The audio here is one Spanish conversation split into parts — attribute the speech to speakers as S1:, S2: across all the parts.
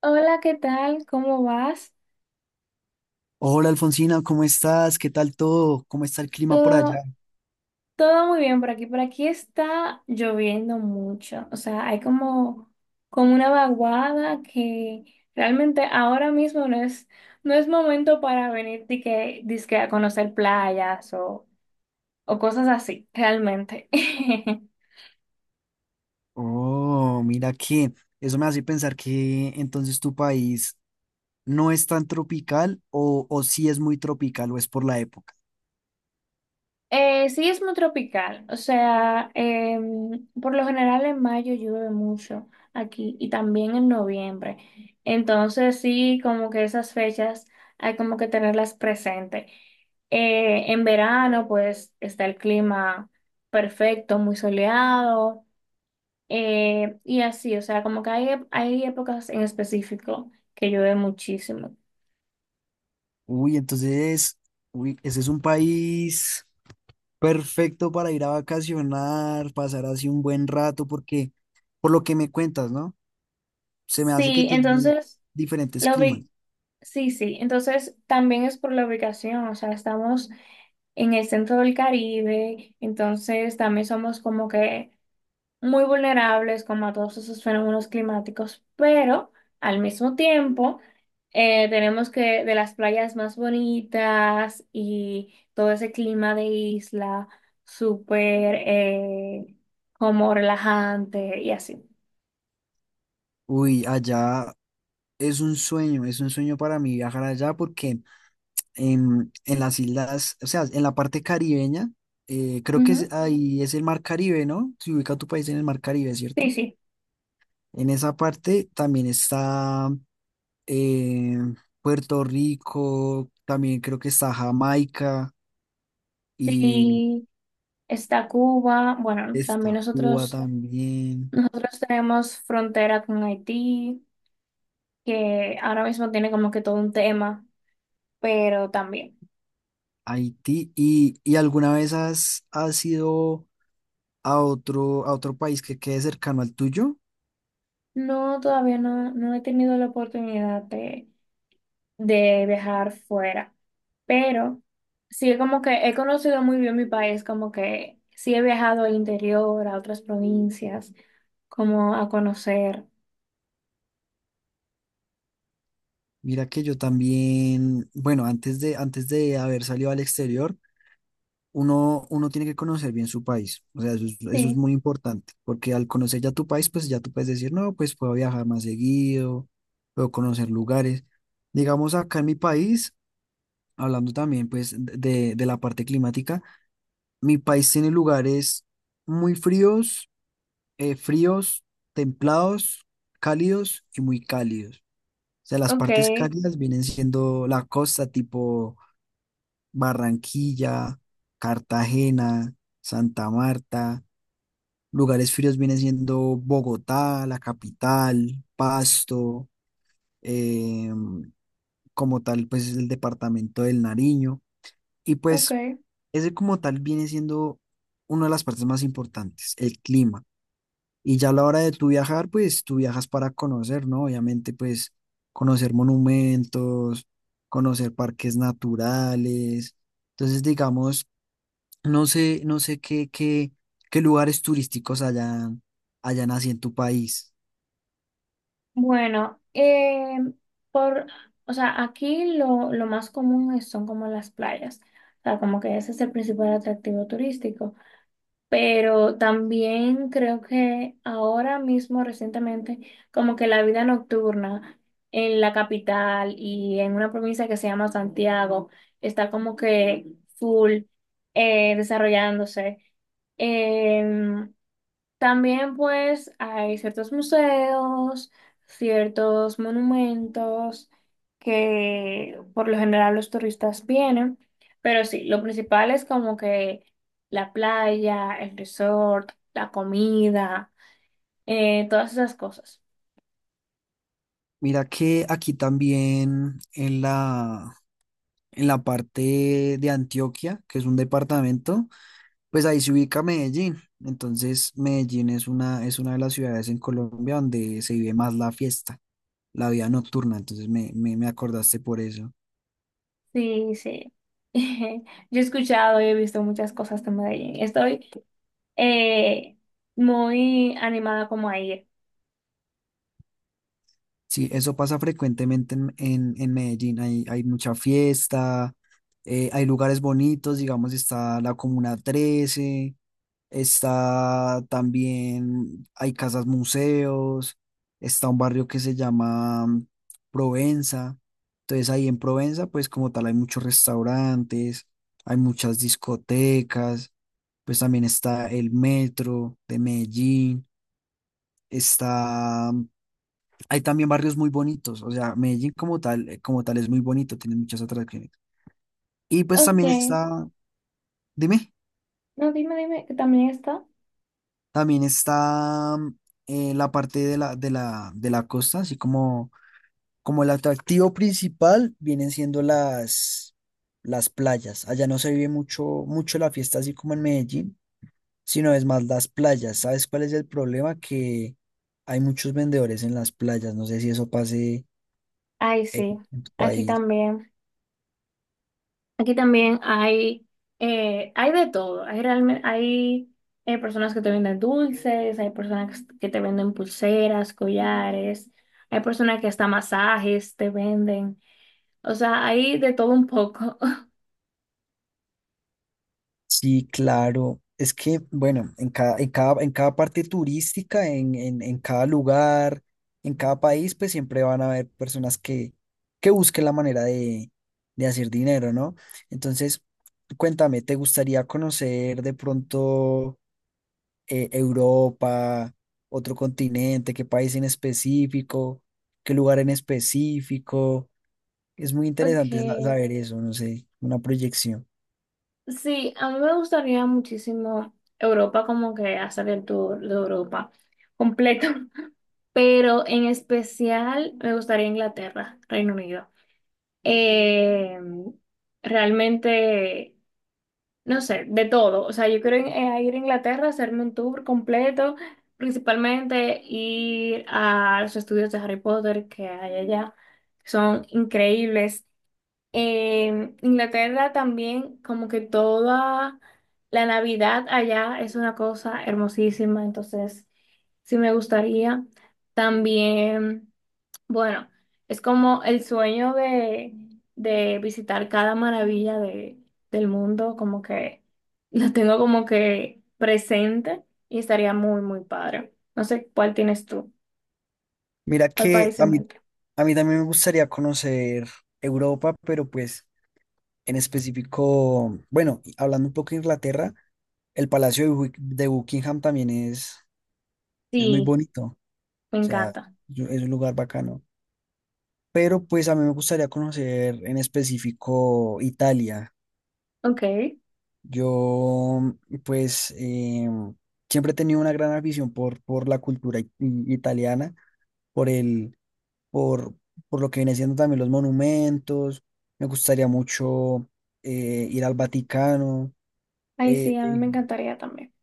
S1: Hola, ¿qué tal? ¿Cómo vas?
S2: Hola Alfonsina, ¿cómo estás? ¿Qué tal todo? ¿Cómo está el clima por allá?
S1: Todo, todo muy bien por aquí. Por aquí está lloviendo mucho. O sea, hay como, como una vaguada que realmente ahora mismo no es, no es momento para venir dique, dizque a conocer playas o cosas así, realmente.
S2: Oh, mira que eso me hace pensar que entonces tu país no es tan tropical o sí es muy tropical o es por la época.
S1: Sí, es muy tropical, o sea, por lo general en mayo llueve mucho aquí y también en noviembre. Entonces sí, como que esas fechas hay como que tenerlas presente. En verano pues está el clima perfecto, muy soleado, y así, o sea, como que hay, hay épocas en específico que llueve muchísimo.
S2: Uy, entonces, uy, ese es un país perfecto para ir a vacacionar, pasar así un buen rato, porque por lo que me cuentas, ¿no? Se me hace que
S1: Sí,
S2: tiene
S1: entonces...
S2: diferentes
S1: La
S2: climas.
S1: ubicación. Sí, sí, entonces también es por la ubicación, o sea, estamos en el centro del Caribe, entonces también somos como que muy vulnerables como a todos esos fenómenos climáticos, pero al mismo tiempo tenemos que de las playas más bonitas y todo ese clima de isla súper, como relajante y así.
S2: Uy, allá es un sueño para mí viajar allá porque en las islas, o sea, en la parte caribeña, creo que
S1: Ujú.
S2: ahí es el mar Caribe, ¿no? Se ubica tu país en el mar Caribe,
S1: Sí,
S2: ¿cierto?
S1: sí,
S2: En esa parte también está eh, Puerto Rico, también creo que está Jamaica y
S1: sí, está Cuba, bueno, también
S2: está Cuba
S1: nosotros...
S2: también,
S1: Nosotros tenemos frontera con Haití, que ahora mismo tiene como que todo un tema, pero también.
S2: Haití. ¿Y alguna vez has ido a otro país que quede cercano al tuyo?
S1: No, todavía no, no he tenido la oportunidad de viajar fuera, pero sí como que he conocido muy bien mi país, como que sí he viajado al interior, a otras provincias, como a conocer.
S2: Mira que yo también, bueno, antes de haber salido al exterior, uno tiene que conocer bien su país. O sea, eso es
S1: Sí,
S2: muy importante, porque al conocer ya tu país, pues ya tú puedes decir, no, pues puedo viajar más seguido, puedo conocer lugares. Digamos, acá en mi país, hablando también pues de la parte climática, mi país tiene lugares muy fríos, fríos, templados, cálidos y muy cálidos. O sea, las
S1: ok,
S2: partes cálidas vienen siendo la costa tipo Barranquilla, Cartagena, Santa Marta, lugares fríos viene siendo Bogotá, la capital, Pasto, eh, como tal, pues es el departamento del Nariño. Y
S1: ok.
S2: pues ese como tal viene siendo una de las partes más importantes, el clima. Y ya a la hora de tu viajar, pues tú viajas para conocer, ¿no? Obviamente, pues conocer monumentos, conocer parques naturales. Entonces, digamos no sé, no sé qué lugares turísticos hayan así en tu país.
S1: Bueno, por, o sea, aquí lo, son como las playas. O sea, como que ese es el principal atractivo turístico. Pero también creo que ahora mismo, recientemente, como que la vida nocturna en la capital y en una provincia que se llama Santiago está como que full, desarrollándose. Em, También pues hay ciertos museos, ciertos monumentos que por lo general los turistas vienen, pero sí, lo principal es como que la playa, el resort, la comida, todas esas cosas.
S2: Mira que aquí también en la parte de Antioquia, que es un departamento, pues ahí se ubica Medellín. Entonces, Medellín es una de las ciudades en Colombia donde se vive más la fiesta, la vida nocturna. Entonces, me acordaste por eso.
S1: Sí, sí. Yo he escuchado y he visto muchas cosas de Medellín. Estoy, eh, muy animada como a ir.
S2: Sí, eso pasa frecuentemente en Medellín. Hay mucha fiesta, hay lugares bonitos, digamos, está la Comuna Trece, está también, hay casas museos, está un barrio que se llama Provenza. Entonces ahí en Provenza, pues como tal, hay muchos restaurantes, hay muchas discotecas, pues también está el metro de Medellín, está hay también barrios muy bonitos, o sea, Medellín como tal es muy bonito, tiene muchas atracciones. Y pues
S1: Ok,
S2: también está, dime,
S1: no, dime, dime, que también está.
S2: también está la parte de la costa, así como, como el atractivo principal vienen siendo las playas. Allá no se vive mucho, mucho la fiesta así como en Medellín, sino es más las playas. ¿Sabes cuál es el problema? Que hay muchos vendedores en las playas, no sé si eso pase
S1: Ay, sí,
S2: en tu
S1: aquí
S2: país.
S1: también. Aquí también hay, hay de todo. Hay, realmente, hay, personas que te venden dulces, hay personas que te venden pulseras, collares, hay personas que hasta masajes te venden. O sea, hay de todo un poco.
S2: Sí, claro. Es que, bueno, en cada parte turística, en cada lugar, en cada país, pues siempre van a haber personas que busquen la manera de hacer dinero, ¿no? Entonces, cuéntame, ¿te gustaría conocer de pronto Europa, otro continente, qué país en específico, qué lugar en específico? Es muy interesante
S1: Okay,
S2: saber eso, no sé, una proyección.
S1: sí, a mí me gustaría muchísimo Europa, como que hacer el tour de Europa completo, pero en especial me gustaría Inglaterra, Reino Unido. Eh, Realmente, no sé, de todo. O sea, yo quiero ir a Inglaterra, hacerme un tour completo, principalmente ir a los estudios de Harry Potter que hay allá. Son increíbles. En Inglaterra también, como que toda la Navidad allá es una cosa hermosísima, entonces sí me gustaría. También. Bueno, es como el sueño de visitar cada maravilla de, del mundo, como que lo tengo como que presente y estaría muy, muy padre. No sé cuál tienes tú,
S2: Mira
S1: cuál
S2: que
S1: país
S2: a
S1: en
S2: mí,
S1: mente.
S2: a mí también me gustaría conocer Europa, pero pues en específico, bueno, y hablando un poco de Inglaterra, el Palacio de Buckingham también es muy
S1: Sí,
S2: bonito, o
S1: me
S2: sea,
S1: encanta.
S2: es un lugar bacano. Pero pues a mí me gustaría conocer en específico Italia.
S1: Ok.
S2: Yo pues siempre he tenido una gran afición por la cultura italiana. por el, por, por lo que viene siendo también los monumentos. Me gustaría mucho ir al Vaticano,
S1: Ay, sí,
S2: eh,
S1: a mí
S2: eh,
S1: me encantaría también.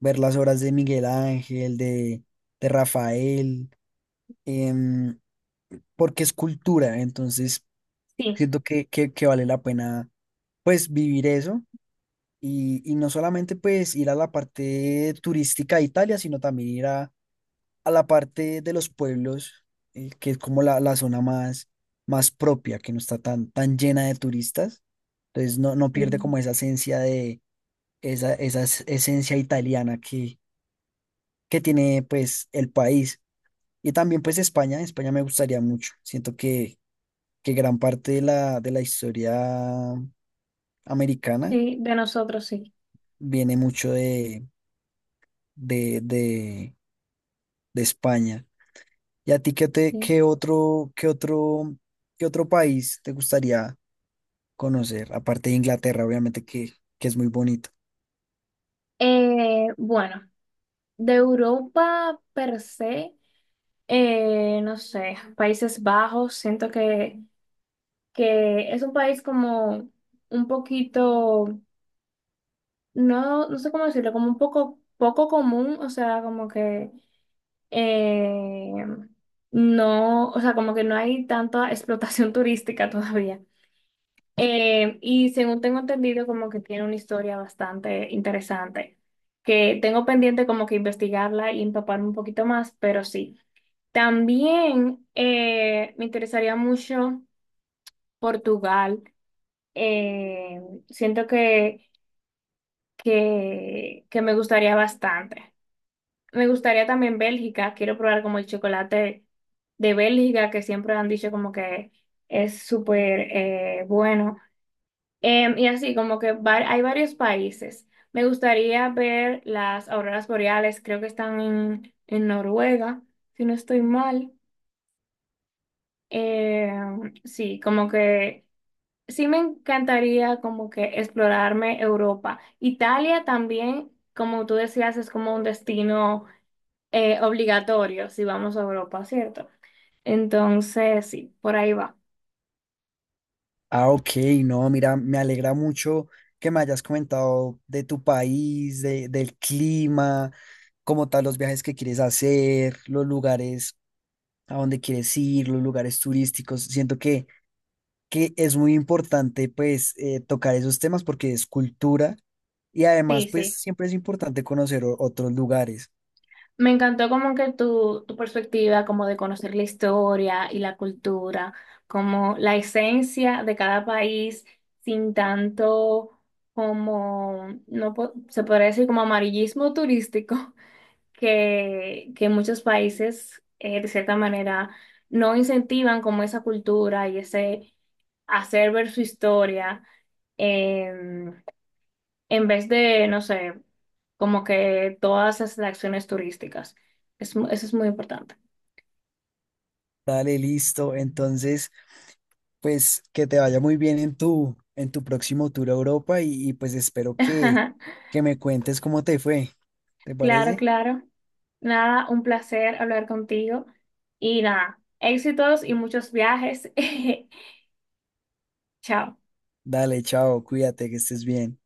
S2: ver las obras de Miguel Ángel, de Rafael, em, porque es cultura, entonces
S1: Sí,
S2: siento que, que vale la pena pues vivir eso. Y no solamente pues ir a la parte turística de Italia, sino también ir a la parte de los pueblos, que es como la zona más, más propia, que no está tan, tan llena de turistas. Entonces no, no pierde
S1: mm,
S2: como esa esencia de esa, esencia italiana que tiene pues el país. Y también pues España, España me gustaría mucho. Siento que gran parte de de la historia americana
S1: sí, de nosotros sí.
S2: viene mucho de, de, de España. ¿Y a ti qué te,
S1: Sí.
S2: qué otro país te gustaría conocer? Aparte de Inglaterra, obviamente que es muy bonito.
S1: Bueno, de Europa per se, no sé, Países Bajos, siento que es un país como un poquito, no, no sé cómo decirlo, como un poco, poco común, o sea, como que, eh, no, o sea, como que no hay tanta explotación turística todavía. Y según tengo entendido, como que tiene una historia bastante interesante, que tengo pendiente como que investigarla y empaparme un poquito más, pero sí. También, me interesaría mucho Portugal. eh, Siento que me gustaría bastante. Me gustaría también Bélgica, quiero probar como el chocolate de Bélgica, que siempre han dicho como que es súper, bueno. Y así, como que hay varios países. Me gustaría ver las auroras boreales, creo que están en Noruega, si no estoy mal. Sí, como que... Sí me encantaría como que explorarme Europa. Italia también, como tú decías, es como un destino, obligatorio si vamos a Europa, ¿cierto? Entonces, sí, por ahí va.
S2: Ah, ok, no, mira, me alegra mucho que me hayas comentado de tu país, de- del clima, como tal, los viajes que quieres hacer, los lugares a donde quieres ir, los lugares turísticos. Siento que es muy importante, pues, tocar esos temas porque es cultura y
S1: Sí,
S2: además, pues,
S1: sí.
S2: siempre es importante conocer otros lugares.
S1: Me encantó como que tu perspectiva, como de conocer la historia y la cultura, como la esencia de cada país sin tanto como, no po- se podría decir como amarillismo turístico. Que muchos países, de cierta manera, no incentivan como esa cultura y ese hacer ver su historia, em, en vez de, no sé, como que todas esas acciones turísticas. Eso es muy importante.
S2: Dale, listo. Entonces, pues que te vaya muy bien en tu próximo tour a Europa y, pues espero que me cuentes cómo te fue. ¿Te
S1: Claro,
S2: parece?
S1: claro. Nada, un placer hablar contigo y nada, éxitos y muchos viajes. Chao.
S2: Dale, chao, cuídate, que estés bien.